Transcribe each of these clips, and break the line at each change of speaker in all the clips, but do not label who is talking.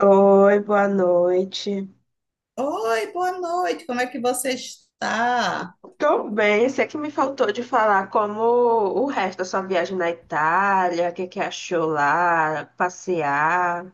Oi, boa noite.
Oi, boa noite, como é que você está?
Tô bem, sei que me faltou de falar como o resto da sua viagem na Itália, o que que achou lá, passear,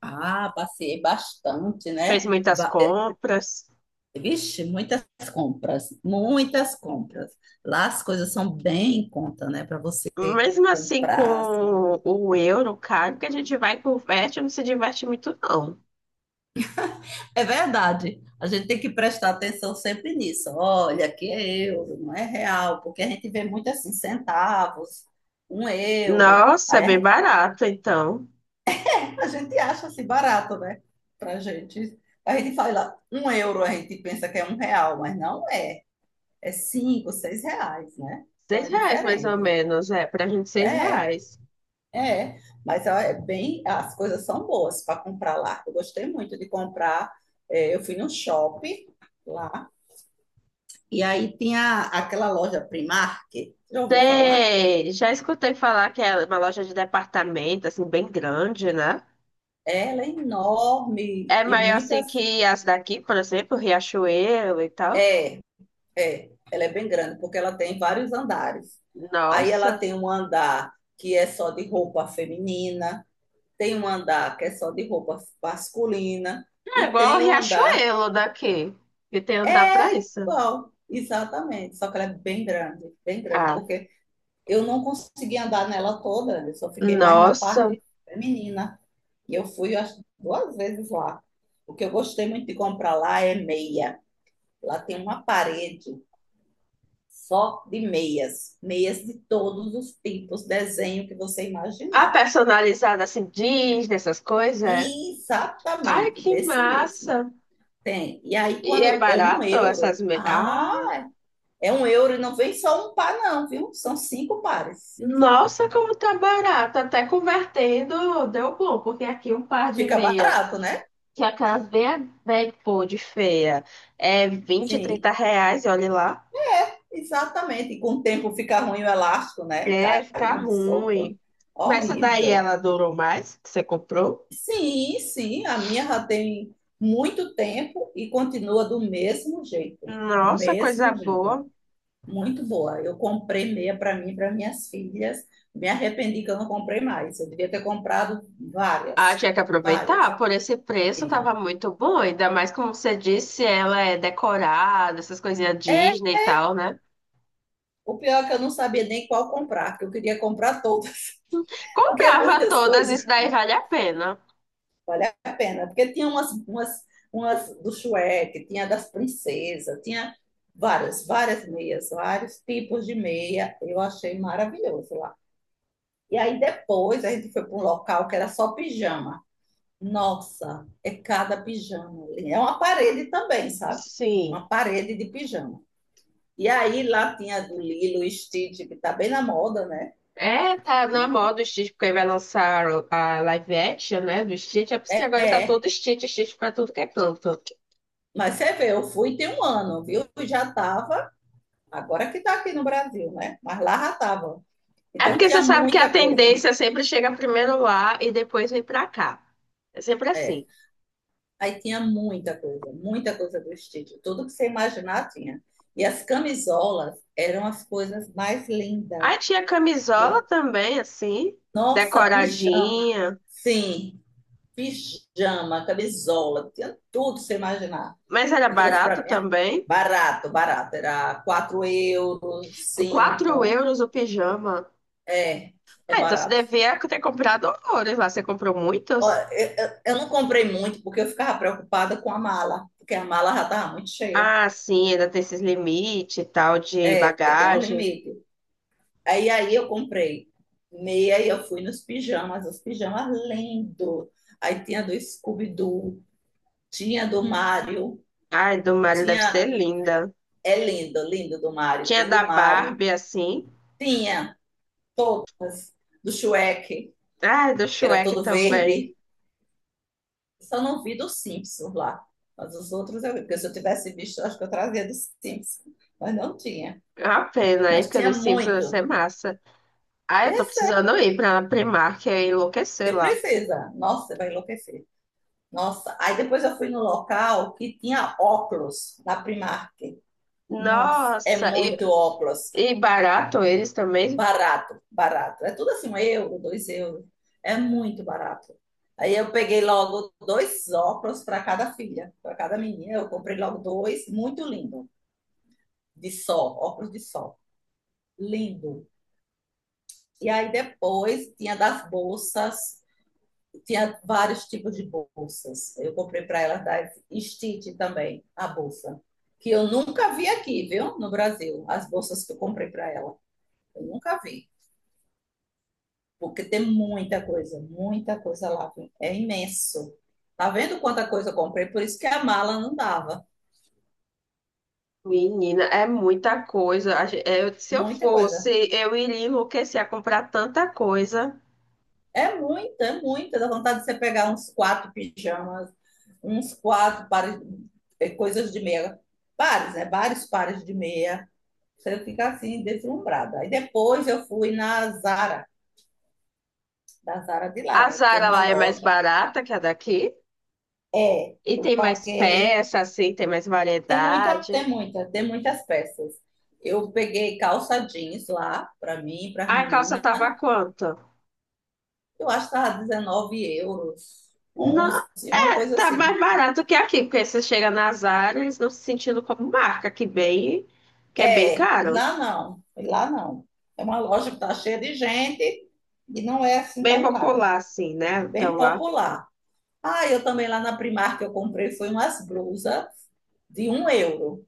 Ah, passei bastante,
fez
né?
muitas compras.
Vixe, muitas compras, muitas compras. Lá as coisas são bem em conta, né, para você
Mesmo assim,
comprar, assim.
com o euro caro, que a gente vai e converte, não se diverte muito, não.
É verdade, a gente tem que prestar atenção sempre nisso. Olha, aqui é euro, não é real, porque a gente vê muito assim, centavos, 1 euro.
Nossa, é
Aí a
bem
gente
barato, então.
A gente acha assim barato, né? Pra gente. A gente fala, 1 euro a gente pensa que é 1 real, mas não é. É 5, 6 reais, né? Então
Seis
é
reais, mais ou
diferente.
menos, é, pra gente seis
É,
reais.
é. Mas ó, é bem, as coisas são boas para comprar lá. Eu gostei muito de comprar. É, eu fui num shopping lá e aí tinha aquela loja Primark. Já ouviu falar?
Sei, já escutei falar que é uma loja de departamento, assim, bem grande, né?
Ela é enorme
É
e
maior assim
muitas.
que as daqui, por exemplo, Riachuelo e tal.
É, é, ela é bem grande, porque ela tem vários andares. Aí ela
Nossa,
tem um andar que é só de roupa feminina, tem um andar que é só de roupa masculina,
é
e
igual o
tem o um andar.
Riachuelo daqui, que tem andar pra
É
isso.
igual, exatamente, só que ela é bem grande,
Ah,
porque eu não consegui andar nela toda, eu só fiquei mais na
nossa.
parte feminina. E eu fui, eu acho, 2 vezes lá. O que eu gostei muito de comprar lá é meia. Lá tem uma parede só de meias de todos os tipos, desenho que você
A
imaginar.
personalizada assim, Disney, essas coisas. É?
E
Ai,
exatamente
que
desse mesmo.
massa.
Tem. E aí,
E é
quando é um
barato essas...
euro,
me- Ah,
é 1 euro e não vem só um par, não, viu? São 5 pares.
nossa, como tá barato. Até convertendo deu bom, porque aqui um par de
Fica
meia,
barato, né?
que é aquelas bem, bem pô, de feia, é 20, 30
Sim,
reais, olha lá.
exatamente. E com o tempo fica ruim o elástico, né?
É, fica
Caindo, solto.
ruim. Mas essa daí
Horrível.
ela durou mais, que você comprou?
Sim, sim, a minha já tem muito tempo e continua do mesmo jeito.
Nossa, coisa
Mesmo jeito.
boa.
Muito boa. Eu comprei meia para mim e para minhas filhas. Me arrependi que eu não comprei mais. Eu devia ter comprado
Ah,
várias,
tinha que
várias.
aproveitar. Por esse preço
Tinha.
tava muito bom. Ainda mais como você disse, ela é decorada, essas coisinhas
É,
Disney e tal, né?
o pior é que eu não sabia nem qual comprar, que eu queria comprar todas, porque é
Comprava
muitas
todas,
coisas,
isso daí vale a pena.
vale a pena. Porque tinha umas do Shrek, tinha das princesas, tinha várias, várias meias, vários tipos de meia. Eu achei maravilhoso lá. E aí depois a gente foi para um local que era só pijama. Nossa, é cada pijama. É uma parede também, sabe?
Sim.
Uma parede de pijama. E aí lá tinha do Lilo Stitch, que tá bem na moda, né?
É, tá na
E
moda o Stitch, porque aí vai lançar a live action, né, do Stitch. É por isso que agora tá
é.
todo Stitch, Stitch pra tudo que é canto.
Mas você vê, eu fui tem um ano, viu? Eu já tava, agora que tá aqui no Brasil, né? Mas lá já tava.
É
Então
porque
tinha
você sabe que a
muita coisa.
tendência sempre chega primeiro lá e depois vem pra cá. É sempre
É.
assim.
Aí tinha muita coisa do Stitch. Tudo que você imaginar tinha. E as camisolas eram as coisas mais lindas.
Aí tinha camisola
Eu,
também, assim,
Nossa, pijama.
decoradinha,
Sim, pijama, camisola, tinha tudo, você imaginar.
mas era
Eu trouxe
barato
para mim
também.
barato, barato. Era 4 euros,
4
5.
euros o pijama.
É, é
Ah, então você
barato.
devia ter comprado horrores lá. Você comprou
Ó,
muitos?
eu não comprei muito porque eu ficava preocupada com a mala, porque a mala já estava muito cheia.
Ah, sim, ainda tem esses limites e tal de
É, tem um
bagagem.
limite. Aí eu comprei meia e eu fui nos pijamas, os pijamas lindo. Aí tinha do Scooby-Doo, tinha do Mario,
Ai, do Mario deve
tinha
ser linda.
É linda, linda do Mário.
Tinha
Tinha
da
do Mário,
Barbie, assim.
tinha do Shrek,
Ai, do
que era
Shrek
todo
também.
verde. Só não vi do Simpsons lá. Mas os outros eu vi, porque se eu tivesse visto, acho que eu trazia do Simpsons. Mas não tinha.
É uma pena, hein?
Mas
Porque
tinha
dos Simpsons deve
muito.
ser massa. Ah,
E
eu
é
tô
sério,
precisando ir pra Primark e enlouquecer
você
lá.
precisa. Nossa, você vai enlouquecer. Nossa, aí depois eu fui no local que tinha óculos na Primark. Nossa, é
Nossa,
muito óculos.
e barato eles também.
Barato, barato. É tudo assim, 1 euro, 2 euros. É muito barato. Aí eu peguei logo dois óculos para cada filha, para cada menina. Eu comprei logo dois, muito lindo, de sol, óculos de sol. Lindo. E aí depois tinha das bolsas, tinha vários tipos de bolsas. Eu comprei para elas da Stitch também, a bolsa, que eu nunca vi aqui, viu, no Brasil, as bolsas que eu comprei para ela. Eu nunca vi, porque tem muita coisa lá, viu? É imenso. Tá vendo quanta coisa eu comprei? Por isso que a mala não dava.
Menina, é muita coisa. A gen- eu- se eu
Muita coisa.
fosse, eu iria enlouquecer a comprar tanta coisa.
É muita, é muita. Dá vontade de você pegar uns quatro pijamas, uns quatro pares, coisas de meia. Pares, né? Vários pares de meia. Você fica assim, deslumbrada. Aí depois eu fui na Zara, da Zara de lá,
A
né? Porque
Zara
uma
lá é mais
loja
barata que a daqui.
é,
E
eu
tem mais
paguei.
peça, assim, tem mais
Tem muita,
variedade.
tem muita, tem muitas peças. Eu peguei calça jeans lá, para mim, para a
A calça
menina.
tava quanto?
Eu acho que estava 19 euros,
Não,
onze, uma coisa
tá
assim.
mais barato que aqui, porque você chega na Zara, eles não se sentindo como marca, que bem, que é bem
É,
caro.
lá não, lá não. É uma loja que está cheia de gente e não é assim
Bem
tão cara.
popular, assim, né? Então
Bem
lá.
popular. Ah, eu também lá na Primark eu comprei foi umas blusas de 1 euro.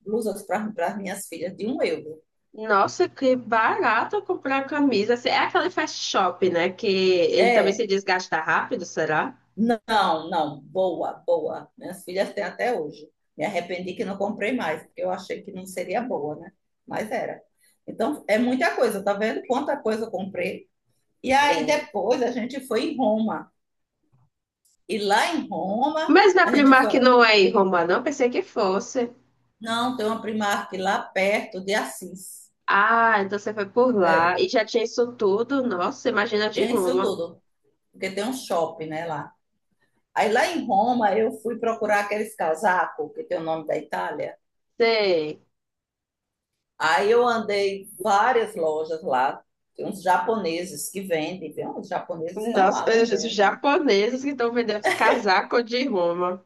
Blusas para as minhas filhas de 1 euro.
Nossa, que barato comprar camisa. Assim, é aquele fast shop, né? Que ele também se
É,
desgasta rápido, será?
não, não, boa, boa. Minhas filhas têm até hoje. Me arrependi que não comprei mais, porque eu achei que não seria boa, né? Mas era. Então, é muita coisa, tá vendo quanta coisa eu comprei? E aí
É.
depois a gente foi em Roma. E lá em Roma,
Mas na
a gente foi.
Primark não é em Roma, não. Pensei que fosse.
Não, tem uma Primark lá perto de Assis.
Ah, então você foi por lá
É,
e já tinha isso tudo. Nossa, imagina de
tem isso
Roma.
tudo, porque tem um shopping, né, lá. Aí lá em Roma eu fui procurar aqueles casacos que tem o nome da Itália.
Sei.
Aí eu andei várias lojas lá, tem uns japoneses que vendem, tem uns japoneses que estão
Nossa,
lá
os
vendendo,
japoneses que estão vendendo os casacos de Roma.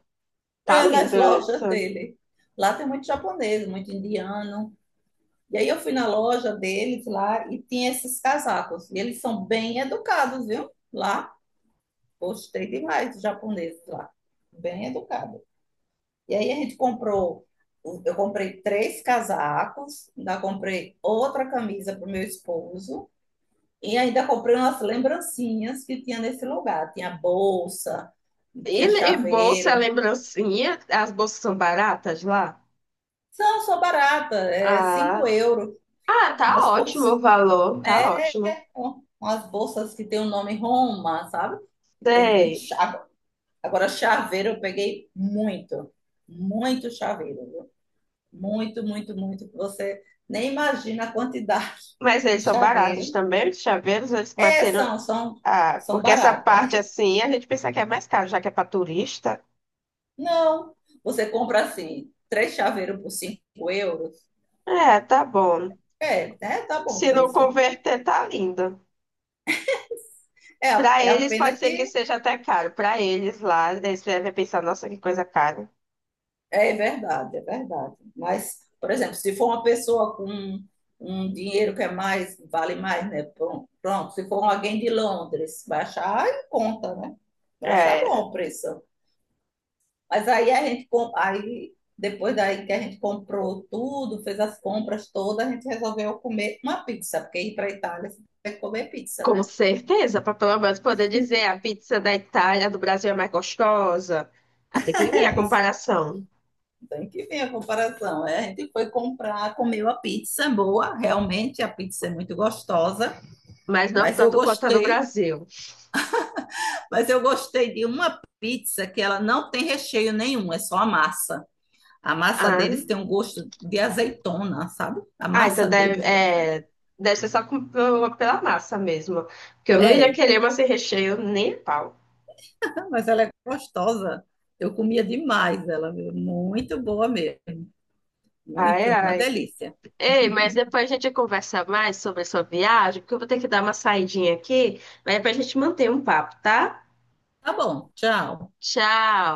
Tá
é, nas
lindo isso.
lojas dele. Lá tem muito japonês, muito indiano. E aí eu fui na loja deles lá e tinha esses casacos. E eles são bem educados, viu? Lá, gostei demais dos japoneses lá, bem educados. E aí a gente comprou, eu comprei três casacos, ainda comprei outra camisa para o meu esposo. E ainda comprei umas lembrancinhas que tinha nesse lugar. Tinha bolsa, tinha
E, e bolsa,
chaveiro.
lembrancinha. As bolsas são baratas lá?
São só barata, é
Ah.
5 euros.
Ah, tá
Umas
ótimo o
bolsas,
valor, tá
é,
ótimo.
umas bolsas que tem o nome Roma, sabe? E tem, e
Sei.
cha- agora, chaveiro eu peguei muito, muito chaveiro, viu? Muito, muito, muito. Que você nem imagina a quantidade
Mas
de
eles são baratos
chaveiro.
também, os chaveiros, eles
É,
bateram.
são,
Ah, porque essa
baratos.
parte assim, a gente pensa que é mais caro, já que é para turista.
Não, você compra assim, três chaveiros por 5 euros.
É, tá bom.
É, né? Tá bom o
Se não
preço.
converter, tá lindo.
É,
Para
é a
eles
pena
pode ser que
que
seja até caro. Para eles lá, eles devem pensar, nossa, que coisa cara.
é verdade, é verdade. Mas, por exemplo, se for uma pessoa com um dinheiro que é mais, vale mais, né? Pronto, pronto. Se for alguém de Londres, vai achar em conta, né? Vai achar bom
É,
o preço. Mas aí a gente, aí depois daí que a gente comprou tudo, fez as compras todas, a gente resolveu comer uma pizza, porque ir para a Itália você tem que comer pizza,
com
né?
certeza, para pelo menos poder dizer, a pizza da Itália, do Brasil é mais gostosa. Ah, tem que vir a
É isso.
comparação,
Tem que ver a comparação. É, a gente foi comprar, comeu a pizza boa, realmente a pizza é muito gostosa,
mas não
mas eu
tanto quanto a do
gostei,
Brasil.
mas eu gostei de uma pizza que ela não tem recheio nenhum, é só a massa. A massa
Ah,
deles tem um gosto de azeitona, sabe? A
ah, então
massa
deve,
deles é, é.
é, deve ser só com- pela massa mesmo. Porque eu não iria
É,
querer uma sem recheio nem a pau.
então, mas ela é gostosa. Eu comia demais ela, viu? Muito boa mesmo,
Ai,
muito, uma
ai.
delícia.
Ei, mas depois a gente conversa mais sobre a sua viagem, porque eu vou ter que dar uma saidinha aqui, mas depois a gente mantém um papo, tá?
Tá bom, tchau.
Tchau!